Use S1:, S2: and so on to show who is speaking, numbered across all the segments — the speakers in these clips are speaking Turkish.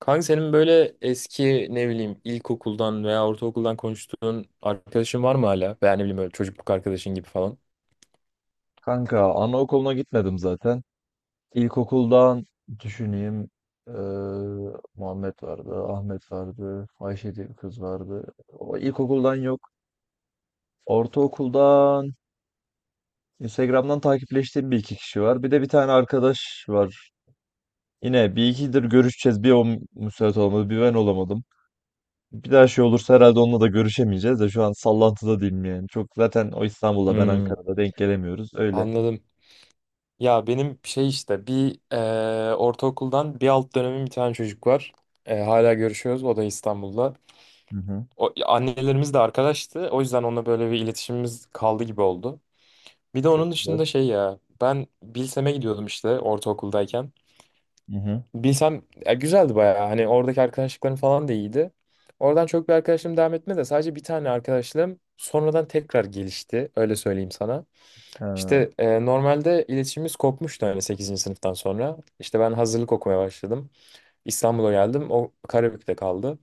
S1: Kanka senin böyle eski ne bileyim ilkokuldan veya ortaokuldan konuştuğun arkadaşın var mı hala? Veya ne bileyim böyle çocukluk arkadaşın gibi falan.
S2: Kanka anaokuluna gitmedim zaten. İlkokuldan düşüneyim. eee, Muhammed vardı, Ahmet vardı, Ayşe diye bir kız vardı. O ilkokuldan yok. Ortaokuldan Instagram'dan takipleştiğim bir iki kişi var. Bir de bir tane arkadaş var. Yine bir ikidir görüşeceğiz. Bir müsait olmadı, bir ben olamadım. Bir daha şey olursa herhalde onunla da görüşemeyeceğiz de şu an sallantıda değilim yani. Çok zaten o İstanbul'da ben
S1: Hmm,
S2: Ankara'da denk gelemiyoruz. Öyle.
S1: anladım. Ya benim şey işte bir ortaokuldan bir alt dönemin bir tane çocuk var. Hala görüşüyoruz. O da İstanbul'da.
S2: Hı hı.
S1: O, annelerimiz de arkadaştı. O yüzden onunla böyle bir iletişimimiz kaldı gibi oldu. Bir de
S2: Çok
S1: onun
S2: güzel.
S1: dışında şey ya ben Bilsem'e gidiyordum işte ortaokuldayken.
S2: Hı hı.
S1: Bilsem ya güzeldi bayağı. Hani oradaki arkadaşlıklarım falan da iyiydi. Oradan çok bir arkadaşlığım devam etmedi de sadece bir tane arkadaşlığım sonradan tekrar gelişti. Öyle söyleyeyim sana.
S2: Ha.
S1: İşte normalde iletişimimiz kopmuştu hani sekizinci sınıftan sonra. İşte ben hazırlık okumaya başladım. İstanbul'a geldim. O Karabük'te kaldı.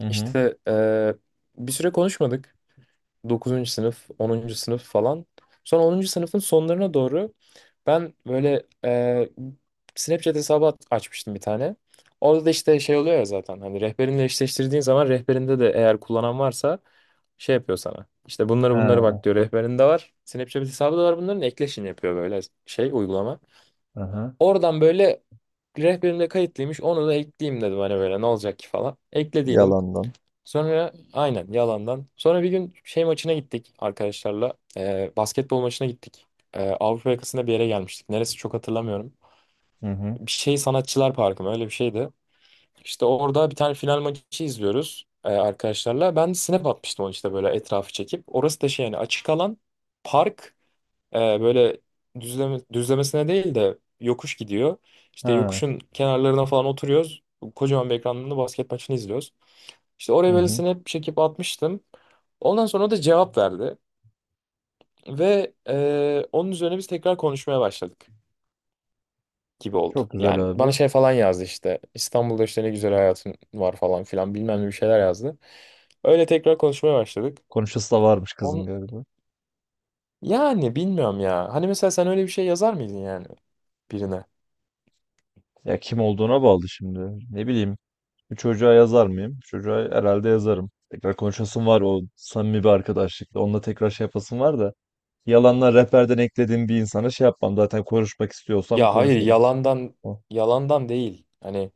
S2: Hı hı.
S1: İşte bir süre konuşmadık. Dokuzuncu sınıf, 10. sınıf falan. Sonra 10. sınıfın sonlarına doğru ben böyle Snapchat hesabı açmıştım bir tane. Orada da işte şey oluyor ya zaten hani rehberinle eşleştirdiğin zaman rehberinde de eğer kullanan varsa şey yapıyor sana. İşte bunları
S2: Ha.
S1: bak diyor rehberinde var. Snapchat hesabı da var bunların ekleşin yapıyor böyle şey uygulama.
S2: Aha.
S1: Oradan böyle rehberimde kayıtlıymış onu da ekleyeyim dedim hani böyle ne olacak ki falan. Eklediydim.
S2: Yalandan.
S1: Sonra aynen yalandan. Sonra bir gün şey maçına gittik arkadaşlarla. Basketbol maçına gittik. Avrupa yakasında bir yere gelmiştik. Neresi çok hatırlamıyorum.
S2: Hı hı.
S1: Bir şey Sanatçılar Parkı mı öyle bir şeydi. İşte orada bir tane final maçı izliyoruz arkadaşlarla. Ben snap atmıştım onu işte böyle etrafı çekip. Orası da şey yani açık alan park böyle düzlemesine değil de yokuş gidiyor. İşte
S2: Ha.
S1: yokuşun kenarlarına falan oturuyoruz. Kocaman bir ekranda basket maçını izliyoruz. İşte oraya
S2: Hı hı.
S1: Rebels'ini hep çekip atmıştım. Ondan sonra o da cevap verdi. Ve onun üzerine biz tekrar konuşmaya başladık gibi oldu.
S2: Çok güzel
S1: Yani bana
S2: abi.
S1: şey falan yazdı işte. İstanbul'da işte ne güzel hayatın var falan filan bilmem ne bir şeyler yazdı. Öyle tekrar konuşmaya başladık.
S2: Konuşası da varmış kızın
S1: On,
S2: galiba.
S1: Yani bilmiyorum ya. Hani mesela sen öyle bir şey yazar mıydın yani birine?
S2: Ya kim olduğuna bağlı şimdi. Ne bileyim. Bir çocuğa yazar mıyım? Çocuğa herhalde yazarım. Tekrar konuşasım var o samimi bir arkadaşlıkla. Onunla tekrar şey yapasım var da. Yalanlar rehberden eklediğim bir insana şey yapmam. Zaten konuşmak istiyorsam
S1: Ya hayır
S2: konuşurum.
S1: yalandan
S2: O.
S1: yalandan değil. Hani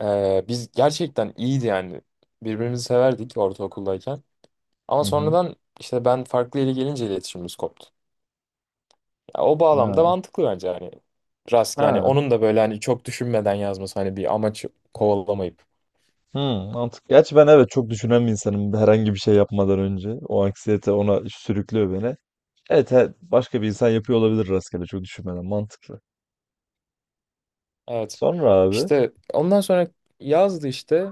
S1: biz gerçekten iyiydi yani. Birbirimizi severdik ortaokuldayken. Ama
S2: Hı hı.
S1: sonradan işte ben farklı yere gelince iletişimimiz koptu. Ya o bağlamda
S2: Ha.
S1: mantıklı bence hani. Rast yani
S2: Ha.
S1: onun da böyle hani çok düşünmeden yazması hani bir amaç kovalamayıp.
S2: Hı, mantık. Gerçi ben evet çok düşünen bir insanım herhangi bir şey yapmadan önce. O anksiyete ona sürüklüyor beni. Evet, evet. Başka bir insan yapıyor olabilir rastgele çok düşünmeden. Mantıklı.
S1: Evet.
S2: Sonra abi.
S1: İşte ondan sonra yazdı işte.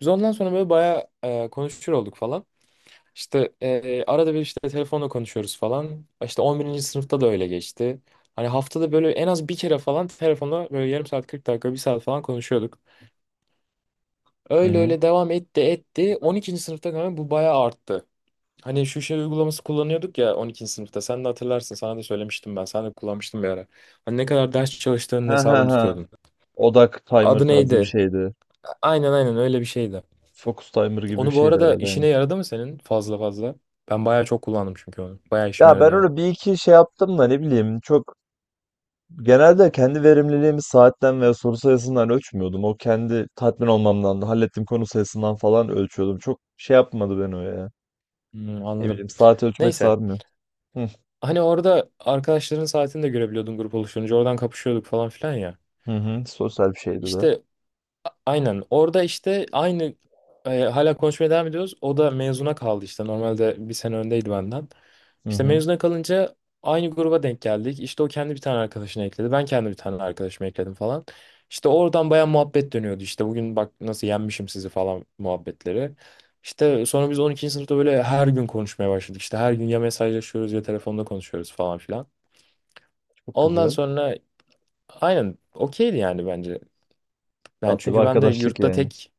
S1: Biz ondan sonra böyle bayağı konuşur olduk falan. İşte arada bir işte telefonla konuşuyoruz falan. İşte 11. sınıfta da öyle geçti. Hani haftada böyle en az bir kere falan telefonla böyle yarım saat 40 dakika bir saat falan konuşuyorduk.
S2: Hı
S1: Öyle
S2: hı.
S1: öyle devam etti. 12. sınıfta kanka bu bayağı arttı. Hani şu şey uygulaması kullanıyorduk ya 12. sınıfta. Sen de hatırlarsın. Sana da söylemiştim ben. Sen de kullanmıştın bir ara. Hani ne kadar ders çalıştığının
S2: Ha ha
S1: hesabını
S2: ha.
S1: tutuyordun.
S2: Odak timer
S1: Adı
S2: tarzı bir
S1: neydi?
S2: şeydi.
S1: Aynen aynen öyle bir şeydi.
S2: Focus timer gibi bir
S1: Onu bu
S2: şeydi
S1: arada
S2: herhalde. Aynen.
S1: işine yaradı mı senin fazla fazla? Ben bayağı çok kullandım çünkü onu. Bayağı işime
S2: Ya
S1: yaradı
S2: ben
S1: yani.
S2: öyle bir iki şey yaptım da ne bileyim çok genelde kendi verimliliğimi saatten veya soru sayısından ölçmüyordum. O kendi tatmin olmamdan da hallettiğim konu sayısından falan ölçüyordum. Çok şey yapmadı beni o ya.
S1: Hmm,
S2: Ne
S1: anladım.
S2: bileyim saat ölçmek
S1: Neyse.
S2: sarmıyor. Hı
S1: Hani orada arkadaşların saatini de görebiliyordun grup oluşturunca. Oradan kapışıyorduk falan filan ya.
S2: hı. Hı. Sosyal bir şeydi de.
S1: İşte aynen. Orada işte aynı hala konuşmaya devam ediyoruz. O da mezuna kaldı işte. Normalde bir sene öndeydi benden.
S2: Hı
S1: İşte
S2: hı.
S1: mezuna kalınca aynı gruba denk geldik. İşte o kendi bir tane arkadaşını ekledi. Ben kendi bir tane arkadaşımı ekledim falan. İşte oradan baya muhabbet dönüyordu. İşte bugün bak nasıl yenmişim sizi falan muhabbetleri. İşte sonra biz 12. sınıfta böyle her gün konuşmaya başladık. İşte her gün ya mesajlaşıyoruz ya telefonda konuşuyoruz falan filan.
S2: Çok
S1: Ondan
S2: güzel.
S1: sonra aynen okeydi yani bence. Ben
S2: Tatlı bir
S1: çünkü ben de
S2: arkadaşlık
S1: yurtta
S2: yani.
S1: tek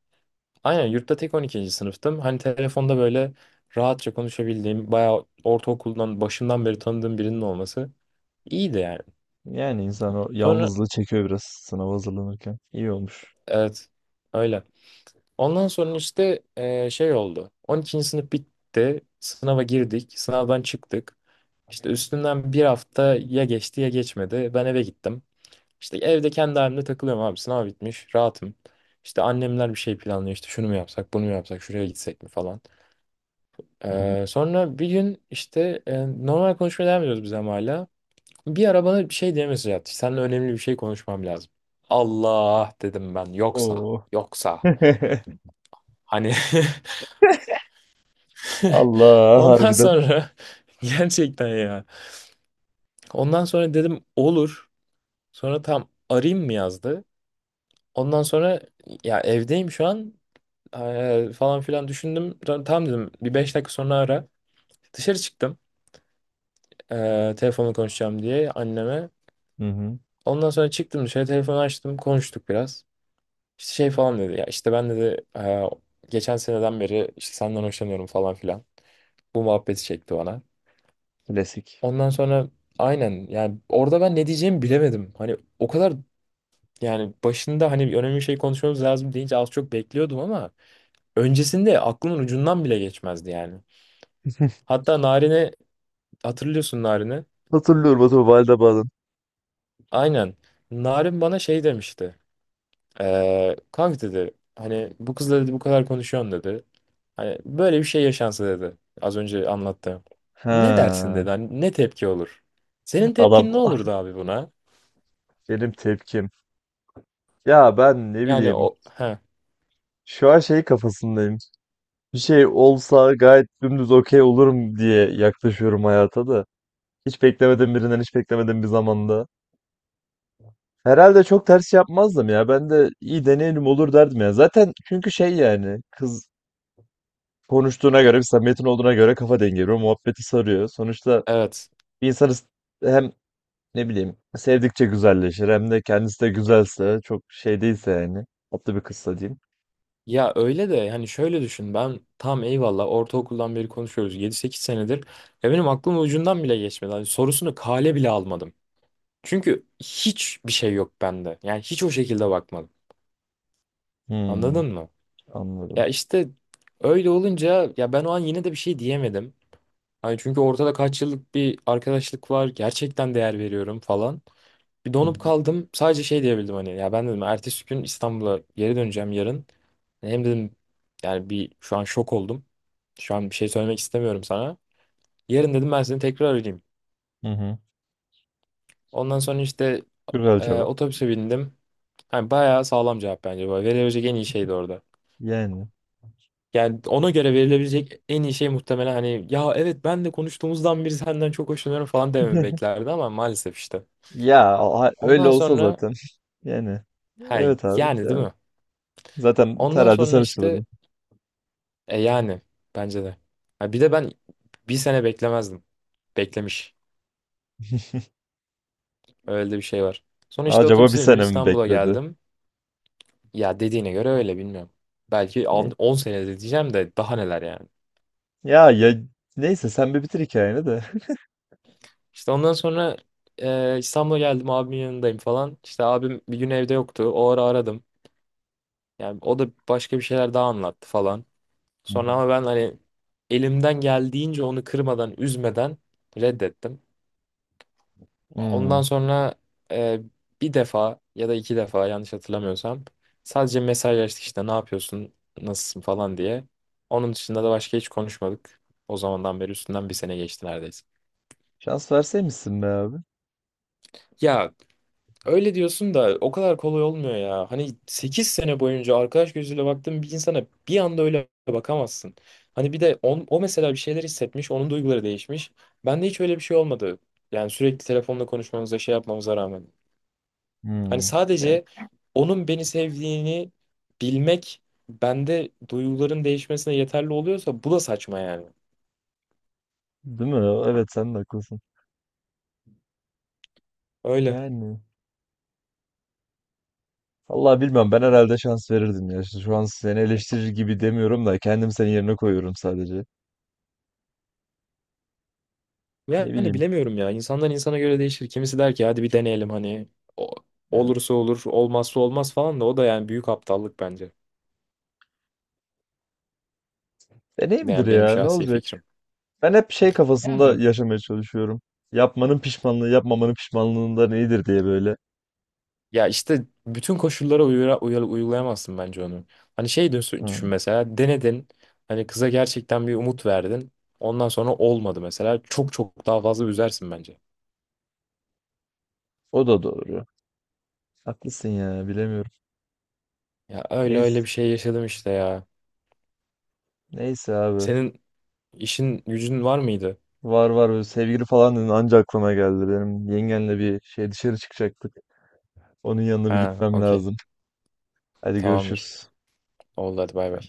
S1: aynen yurtta tek 12. sınıftım. Hani telefonda böyle rahatça konuşabildiğim, bayağı ortaokuldan başından beri tanıdığım birinin olması iyiydi yani.
S2: Yani insan o
S1: Sonra
S2: yalnızlığı çekiyor biraz sınava hazırlanırken. İyi olmuş.
S1: evet öyle. Ondan sonra işte şey oldu. On ikinci sınıf bitti. Sınava girdik. Sınavdan çıktık. İşte üstünden bir hafta ya geçti ya geçmedi. Ben eve gittim. İşte evde kendi halimde takılıyorum abi. Sınav bitmiş. Rahatım. İşte annemler bir şey planlıyor. İşte şunu mu yapsak, bunu mu yapsak, şuraya gitsek mi falan.
S2: Hı hı.
S1: Sonra bir gün işte normal konuşmaya devam ediyoruz biz ama hala. Bir ara bana bir şey diye mesaj attı. Seninle önemli bir şey konuşmam lazım. Allah dedim ben yoksa
S2: Oo.
S1: yoksa hani
S2: Allah
S1: ondan
S2: harbiden.
S1: sonra gerçekten ya. Ondan sonra dedim olur. Sonra tam arayayım mı yazdı. Ondan sonra ya evdeyim şu an falan filan düşündüm. Tam dedim bir 5 dakika sonra ara. Dışarı çıktım telefonla konuşacağım diye anneme.
S2: Hı hı.
S1: Ondan sonra çıktım dışarı telefonu açtım konuştuk biraz. İşte şey falan dedi ya işte ben dedi Geçen seneden beri işte senden hoşlanıyorum falan filan. Bu muhabbeti çekti bana.
S2: Klasik.
S1: Ondan sonra aynen yani orada ben ne diyeceğimi bilemedim. Hani o kadar yani başında hani önemli bir şey konuşmamız lazım deyince az çok bekliyordum ama öncesinde aklımın ucundan bile geçmezdi yani. Hatta Narin'e hatırlıyorsun Narin'i.
S2: Hatırlıyorum o valide bağlan.
S1: Aynen. Narin bana şey demişti. Kanka dedi hani bu kızla dedi bu kadar konuşuyorsun dedi. Hani böyle bir şey yaşansa dedi. Az önce anlattığım. Ne dersin
S2: Ha.
S1: dedi. Hani ne tepki olur? Senin
S2: Adam
S1: tepkin ne
S2: ah
S1: olurdu abi buna?
S2: benim tepkim. Ya ben ne
S1: Yani
S2: bileyim.
S1: o ha
S2: Şu an şey kafasındayım. Bir şey olsa gayet dümdüz okey olurum diye yaklaşıyorum hayata da. Hiç beklemedim birinden hiç beklemedim bir zamanda. Herhalde çok ters şey yapmazdım ya. Ben de iyi deneyelim olur derdim ya. Zaten çünkü şey yani kız konuştuğuna göre, bir samimiyetin olduğuna göre kafa dengi veriyor. Muhabbeti sarıyor. Sonuçta
S1: evet.
S2: bir hem ne bileyim sevdikçe güzelleşir hem de kendisi de güzelse çok şey değilse yani tatlı bir kızsa diyeyim.
S1: Ya öyle de hani şöyle düşün ben tam eyvallah ortaokuldan beri konuşuyoruz 7-8 senedir ya benim aklım ucundan bile geçmedi. Hani sorusunu kale bile almadım. Çünkü hiçbir şey yok bende. Yani hiç o şekilde bakmadım.
S2: Hmm,
S1: Anladın mı? Ya
S2: anladım.
S1: işte öyle olunca ya ben o an yine de bir şey diyemedim. Hani çünkü ortada kaç yıllık bir arkadaşlık var. Gerçekten değer veriyorum falan. Bir
S2: Hı hı.
S1: donup kaldım. Sadece şey diyebildim hani ya ben dedim ertesi gün İstanbul'a geri döneceğim yarın. Hem dedim yani bir şu an şok oldum. Şu an bir şey söylemek istemiyorum sana. Yarın dedim ben seni tekrar arayayım.
S2: Hı hı.
S1: Ondan sonra işte
S2: Güzel cevap.
S1: otobüse bindim. Hani bayağı sağlam cevap bence. Böyle verilebilecek en iyi şeydi orada.
S2: Yani.
S1: Yani ona göre verilebilecek en iyi şey muhtemelen hani ya evet ben de konuştuğumuzdan beri senden çok hoşlanıyorum falan dememi beklerdi ama maalesef işte.
S2: Öyle
S1: Ondan
S2: olsa
S1: sonra
S2: zaten. Yani.
S1: ha
S2: Evet abi.
S1: yani değil mi?
S2: Zaten
S1: Ondan
S2: herhalde sen
S1: sonra işte
S2: açılırdın.
S1: yani bence de. Ha, bir de ben bir sene beklemezdim. Beklemiş. Öyle de bir şey var. Sonra işte
S2: Acaba bir
S1: otobüse bindim
S2: sene mi
S1: İstanbul'a
S2: bekledi?
S1: geldim. Ya dediğine göre öyle bilmiyorum. Belki
S2: Ne-
S1: 10 senede diyeceğim de daha neler yani.
S2: Ya ya neyse sen bir bitir hikayeni de.
S1: İşte ondan sonra İstanbul'a geldim abimin yanındayım falan. İşte abim bir gün evde yoktu. O ara aradım. Yani o da başka bir şeyler daha anlattı falan.
S2: Hı hı.
S1: Sonra ama ben hani elimden geldiğince onu kırmadan, üzmeden reddettim. Ondan
S2: Hmm.
S1: sonra e, bir defa ya da iki defa yanlış hatırlamıyorsam sadece mesajlaştık işte ne yapıyorsun, nasılsın falan diye. Onun dışında da başka hiç konuşmadık. O zamandan beri üstünden bir sene geçti neredeyse.
S2: Şans verseymişsin be abi.
S1: Ya öyle diyorsun da o kadar kolay olmuyor ya. Hani 8 sene boyunca arkadaş gözüyle baktığın bir insana bir anda öyle bakamazsın. Hani bir de o mesela bir şeyler hissetmiş, onun duyguları değişmiş. Bende hiç öyle bir şey olmadı. Yani sürekli telefonla konuşmamıza şey yapmamıza rağmen. Hani
S2: Hmm. Ya,
S1: sadece onun beni sevdiğini bilmek bende duyguların değişmesine yeterli oluyorsa bu da saçma yani.
S2: değil mi? Evet sen de haklısın.
S1: Öyle.
S2: Yani. Vallahi bilmem ben herhalde şans verirdim ya. Şu an seni eleştirir gibi demiyorum da kendim senin yerine koyuyorum sadece. Ne
S1: Yani
S2: bileyim.
S1: bilemiyorum ya. İnsandan insana göre değişir. Kimisi der ki hadi bir deneyelim hani o-
S2: Ya.
S1: olursa olur, olmazsa olmaz falan da o da yani büyük aptallık bence.
S2: Deneyimdir
S1: Yani benim
S2: ya ne
S1: şahsi
S2: olacak?
S1: fikrim.
S2: Ben hep şey kafasında
S1: Yani
S2: yaşamaya çalışıyorum. Yapmanın pişmanlığı yapmamanın pişmanlığından iyidir diye böyle.
S1: ya işte bütün koşullara uygulayamazsın bence onu. Hani şey düşün,
S2: Hı.
S1: düşün mesela denedin. Hani kıza gerçekten bir umut verdin. Ondan sonra olmadı mesela. Çok çok daha fazla üzersin bence.
S2: O da doğru. Haklısın ya bilemiyorum.
S1: Ya öyle öyle
S2: Neyse,
S1: bir şey yaşadım işte ya.
S2: neyse abi.
S1: Senin işin gücün var mıydı?
S2: Var var böyle sevgili falan dedin anca aklıma geldi. Benim yengenle bir şey dışarı çıkacaktık. Onun yanına bir
S1: Ha,
S2: gitmem
S1: okey.
S2: lazım. Hadi
S1: Tamamdır.
S2: görüşürüz.
S1: Oldu hadi bay bay.